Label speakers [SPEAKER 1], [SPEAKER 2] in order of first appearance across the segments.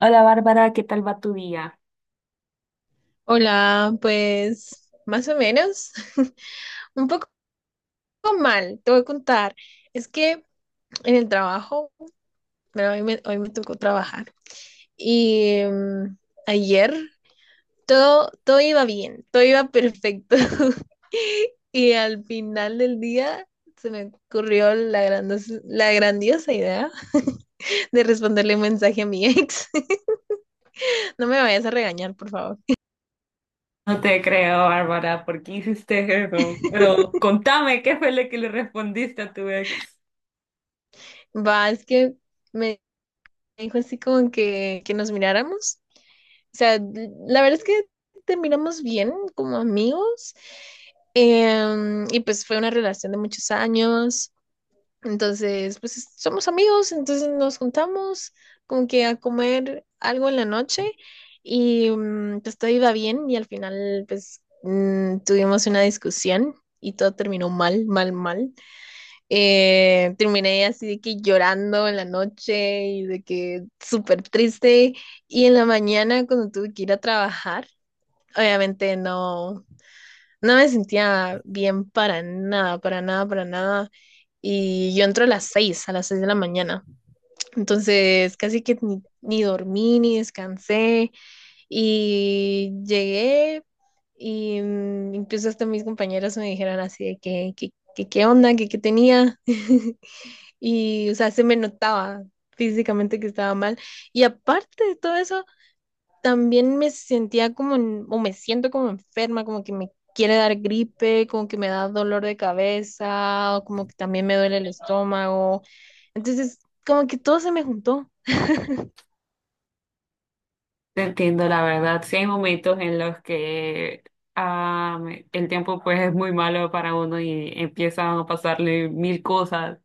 [SPEAKER 1] Hola Bárbara, ¿qué tal va tu día?
[SPEAKER 2] Hola, pues más o menos, un poco mal, te voy a contar. Es que en el trabajo, bueno, hoy me tocó trabajar y ayer todo iba bien, todo iba perfecto. Y al final del día se me ocurrió la grandiosa idea de responderle un mensaje a mi ex. No me vayas a regañar, por favor.
[SPEAKER 1] No te creo, Bárbara, ¿por qué hiciste eso? Pero contame, ¿qué fue lo que le respondiste a tu ex?
[SPEAKER 2] Va, es que me dijo así como que nos miráramos. O sea, la verdad es que terminamos bien como amigos. Y pues fue una relación de muchos años. Entonces, pues somos amigos, entonces nos juntamos como que a comer algo en la noche y pues todo iba bien y al final pues tuvimos una discusión y todo terminó mal, mal, mal. Terminé así de que llorando en la noche y de que súper triste. Y en la mañana cuando tuve que ir a trabajar, obviamente no me sentía bien para nada, para nada, para nada. Y yo entro a a las seis de la mañana. Entonces casi que ni dormí, ni descansé. Y llegué y incluso hasta mis compañeras me dijeron así de que qué onda, que qué tenía. Y, o sea, se me notaba físicamente que estaba mal. Y aparte de todo eso, también me sentía como, o me siento como enferma, como que me quiere dar gripe, como que me da dolor de cabeza, o como que también me duele el estómago. Entonces, como que todo se me juntó.
[SPEAKER 1] Te entiendo, la verdad. Sí hay momentos en los que el tiempo pues es muy malo para uno y empiezan a pasarle mil cosas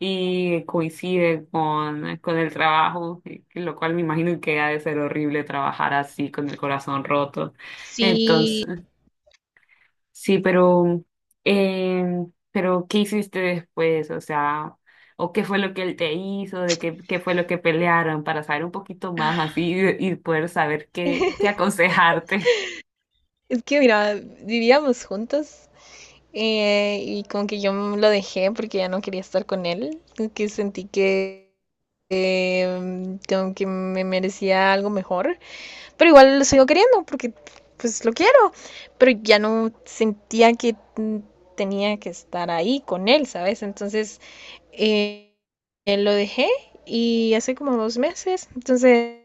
[SPEAKER 1] y coincide con el trabajo, lo cual me imagino que ha de ser horrible trabajar así con el corazón roto.
[SPEAKER 2] Sí,
[SPEAKER 1] Entonces. Sí, eh, pero ¿qué hiciste después? O sea, ¿o qué fue lo que él te hizo? ¿Qué fue lo que pelearon? Para saber un poquito más así y poder saber qué aconsejarte.
[SPEAKER 2] es que mira, vivíamos juntos y como que yo lo dejé porque ya no quería estar con él, como que sentí que como que me merecía algo mejor. Pero igual lo sigo queriendo porque pues lo quiero. Pero ya no sentía que tenía que estar ahí con él, ¿sabes? Entonces eh, lo dejé y hace como dos meses. Entonces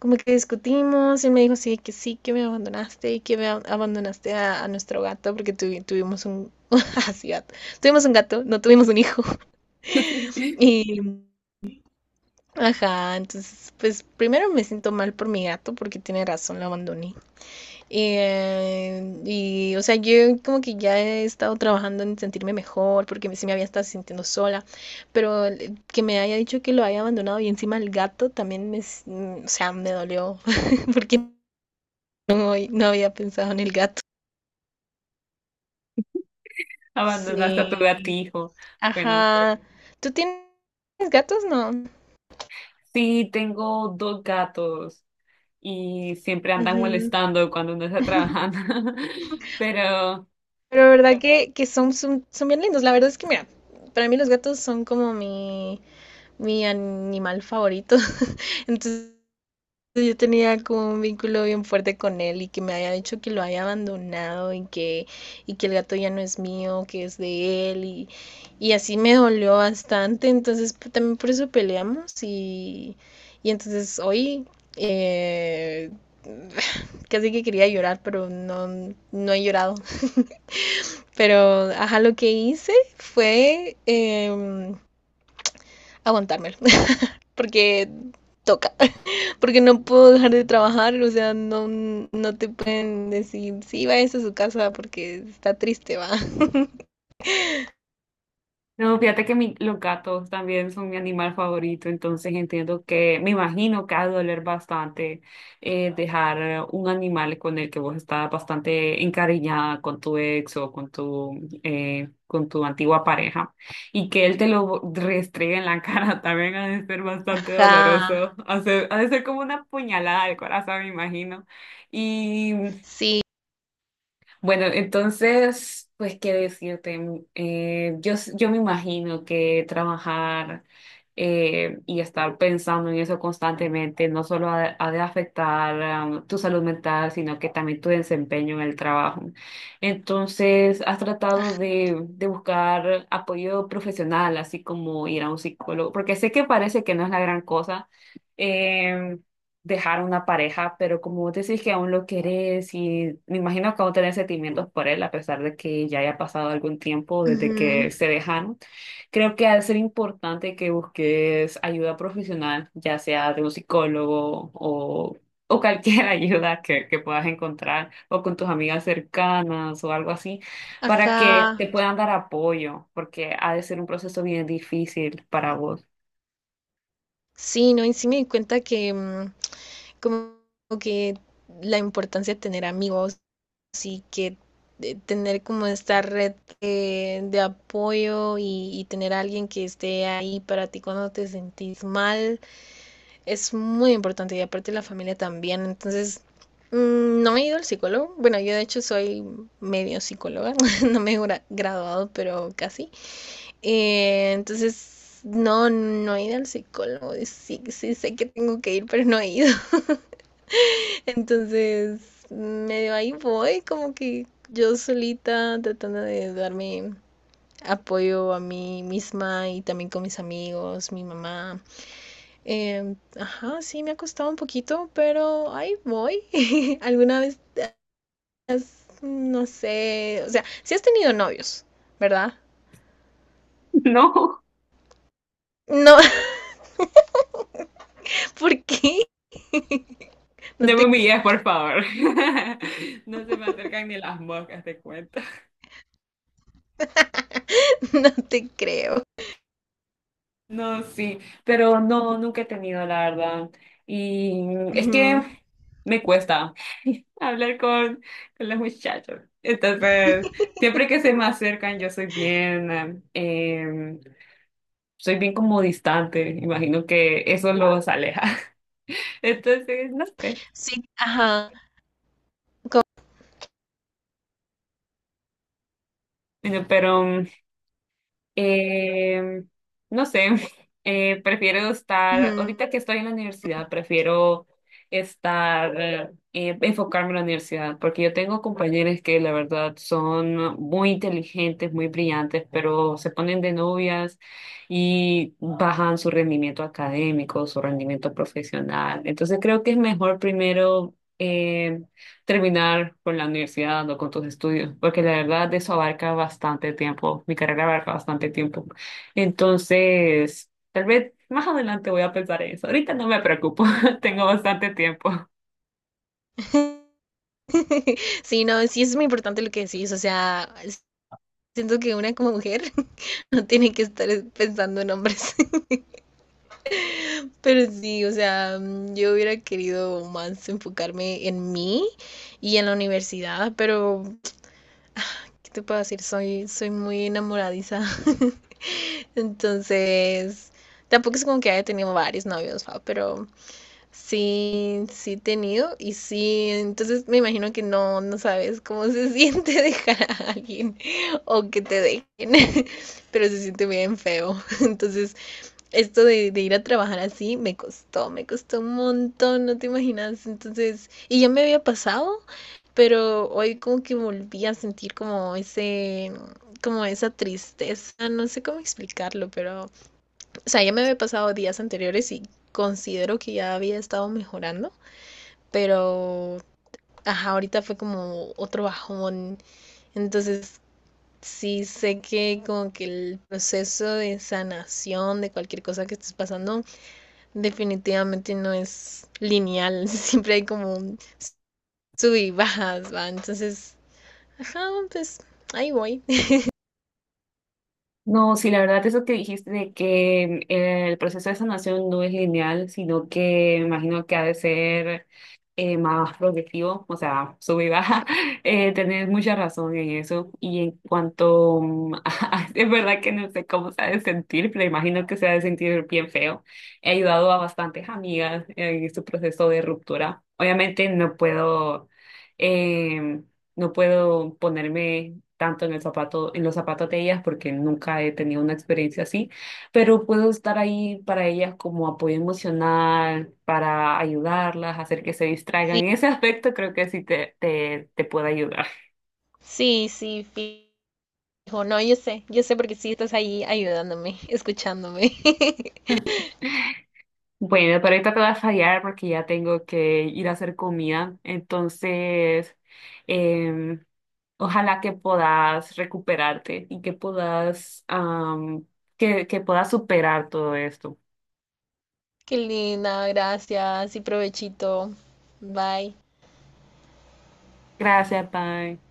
[SPEAKER 2] como que discutimos y él me dijo sí que me abandonaste y que me abandonaste a nuestro gato porque tuvimos un así gato, tuvimos un gato, no tuvimos un hijo. Y ajá, entonces pues primero me siento mal por mi gato porque tiene razón, lo abandoné. Y, o sea, yo como que ya he estado trabajando en sentirme mejor, porque sí me había estado sintiendo sola, pero que me haya dicho que lo haya abandonado y encima el gato también o sea, me dolió, porque no había pensado en el gato.
[SPEAKER 1] Abandonaste a tu
[SPEAKER 2] Sí,
[SPEAKER 1] gatijo. Bueno,
[SPEAKER 2] ajá. ¿Tú tienes gatos? No.
[SPEAKER 1] sí, tengo dos gatos y siempre andan
[SPEAKER 2] Ujú.
[SPEAKER 1] molestando cuando uno está trabajando. Pero
[SPEAKER 2] Pero verdad que son bien lindos. La verdad es que, mira, para mí los gatos son como mi animal favorito. Entonces, pues, yo tenía como un vínculo bien fuerte con él y que me haya dicho que lo haya abandonado y que el gato ya no es mío, que es de él, y así me dolió bastante, entonces pues, también por eso peleamos, y entonces hoy eh, casi que quería llorar, pero no he llorado. Pero ajá, lo que hice fue aguantármelo. Porque toca, porque no puedo dejar de trabajar, o sea, no te pueden decir, sí, vayas a su casa porque está triste, va.
[SPEAKER 1] no, fíjate que los gatos también son mi animal favorito, entonces entiendo que, me imagino que ha de doler bastante, dejar un animal con el que vos estás bastante encariñada con tu ex o con tu antigua pareja y que él te lo restregue en la cara, también ha de ser bastante
[SPEAKER 2] Ajá,
[SPEAKER 1] doloroso, ha de ser como una puñalada al corazón, me imagino.
[SPEAKER 2] sí,
[SPEAKER 1] Bueno, entonces, pues, ¿qué decirte? Yo me imagino que trabajar, y estar pensando en eso constantemente no solo ha de afectar, am, tu salud mental, sino que también tu desempeño en el trabajo. Entonces, ¿has tratado de buscar apoyo profesional, así como ir a un psicólogo? Porque sé que parece que no es la gran cosa. em, Dejar a una pareja, pero como vos decís que aún lo querés y me imagino que aún tenés sentimientos por él, a pesar de que ya haya pasado algún tiempo desde
[SPEAKER 2] ujú,
[SPEAKER 1] que se dejaron, creo que ha de ser importante que busques ayuda profesional, ya sea de un psicólogo o cualquier ayuda que puedas encontrar, o con tus amigas cercanas o algo así, para que
[SPEAKER 2] ajá,
[SPEAKER 1] te puedan dar apoyo, porque ha de ser un proceso bien difícil para vos.
[SPEAKER 2] sí, no, y sí me di cuenta que como que la importancia de tener amigos y que de tener como esta red de apoyo y tener a alguien que esté ahí para ti cuando te sentís mal es muy importante, y aparte la familia también. Entonces, no he ido al psicólogo. Bueno, yo de hecho soy medio psicóloga, no me he graduado, pero casi. Entonces no, no he ido al psicólogo. Sí, sí, sé que tengo que ir, pero no he ido. Entonces, medio ahí voy, como que yo solita tratando de darme apoyo a mí misma y también con mis amigos, mi mamá. Ajá, sí, me ha costado un poquito, pero ahí voy. ¿Alguna vez no sé, o sea, sí has tenido novios, ¿verdad?
[SPEAKER 1] No.
[SPEAKER 2] No, ¿por qué? No
[SPEAKER 1] No
[SPEAKER 2] te,
[SPEAKER 1] me humilles, por favor. No se me acercan ni las moscas, te cuento.
[SPEAKER 2] no te creo.
[SPEAKER 1] No, sí, pero no, nunca he tenido, la verdad. Y es que
[SPEAKER 2] Ujú.
[SPEAKER 1] me cuesta hablar con los muchachos. Entonces, siempre que se me acercan, yo soy bien como distante. Imagino que eso los aleja. Entonces, no sé.
[SPEAKER 2] Sí, ajá.
[SPEAKER 1] Bueno, pero Eh, no sé, prefiero
[SPEAKER 2] Ujú.
[SPEAKER 1] estar, ahorita que estoy en la universidad, prefiero estar, enfocarme en la universidad, porque yo tengo compañeros que la verdad son muy inteligentes, muy brillantes, pero se ponen de novias y bajan su rendimiento académico, su rendimiento profesional. Entonces creo que es mejor primero… terminar con la universidad o con tus estudios, porque la verdad eso abarca bastante tiempo, mi carrera abarca bastante tiempo. Entonces, tal vez más adelante voy a pensar en eso. Ahorita no me preocupo, tengo bastante tiempo.
[SPEAKER 2] Sí, no, sí es muy importante lo que decís, o sea, siento que una como mujer no tiene que estar pensando en hombres. Pero sí, o sea, yo hubiera querido más enfocarme en mí y en la universidad, pero ¿qué te puedo decir? Soy muy enamoradiza. Entonces, tampoco es como que haya tenido varios novios, ¿va? Pero sí, sí he tenido, y sí, entonces me imagino que no sabes cómo se siente dejar a alguien o que te dejen, pero se siente bien feo. Entonces, esto ir a trabajar así me costó un montón, no te imaginas. Entonces, y ya me había pasado, pero hoy como que volví a sentir como ese, como esa tristeza, no sé cómo explicarlo, pero, o sea, ya me había pasado días anteriores y considero que ya había estado mejorando, pero, ajá, ahorita fue como otro bajón. Entonces, sí sé que como que el proceso de sanación de cualquier cosa que estés pasando definitivamente no es lineal, siempre hay como un sub y bajas, ¿va? Entonces, ajá, pues ahí voy.
[SPEAKER 1] No, sí, la verdad, eso que dijiste de que, el proceso de sanación no es lineal, sino que imagino que ha de ser, más progresivo, o sea, sube y baja. Tenés mucha razón en eso. Y en cuanto, mm, es verdad que no sé cómo se ha de sentir, pero imagino que se ha de sentir bien feo. He ayudado a bastantes amigas en su proceso de ruptura. Obviamente no puedo. em, no puedo ponerme tanto en el zapato, en los zapatos de ellas porque nunca he tenido una experiencia así, pero puedo estar ahí para ellas como apoyo emocional, para ayudarlas, hacer que se
[SPEAKER 2] Sí,
[SPEAKER 1] distraigan. En ese aspecto creo que sí te puede ayudar.
[SPEAKER 2] sí, sí, fijo. No, yo sé porque sí estás ahí ayudándome, escuchándome.
[SPEAKER 1] Bueno, pero ahorita te voy a fallar porque ya tengo que ir a hacer comida, entonces, em, ojalá que puedas recuperarte y que puedas, am, que puedas superar todo esto.
[SPEAKER 2] Qué linda, gracias y provechito. Bye.
[SPEAKER 1] Gracias, bye.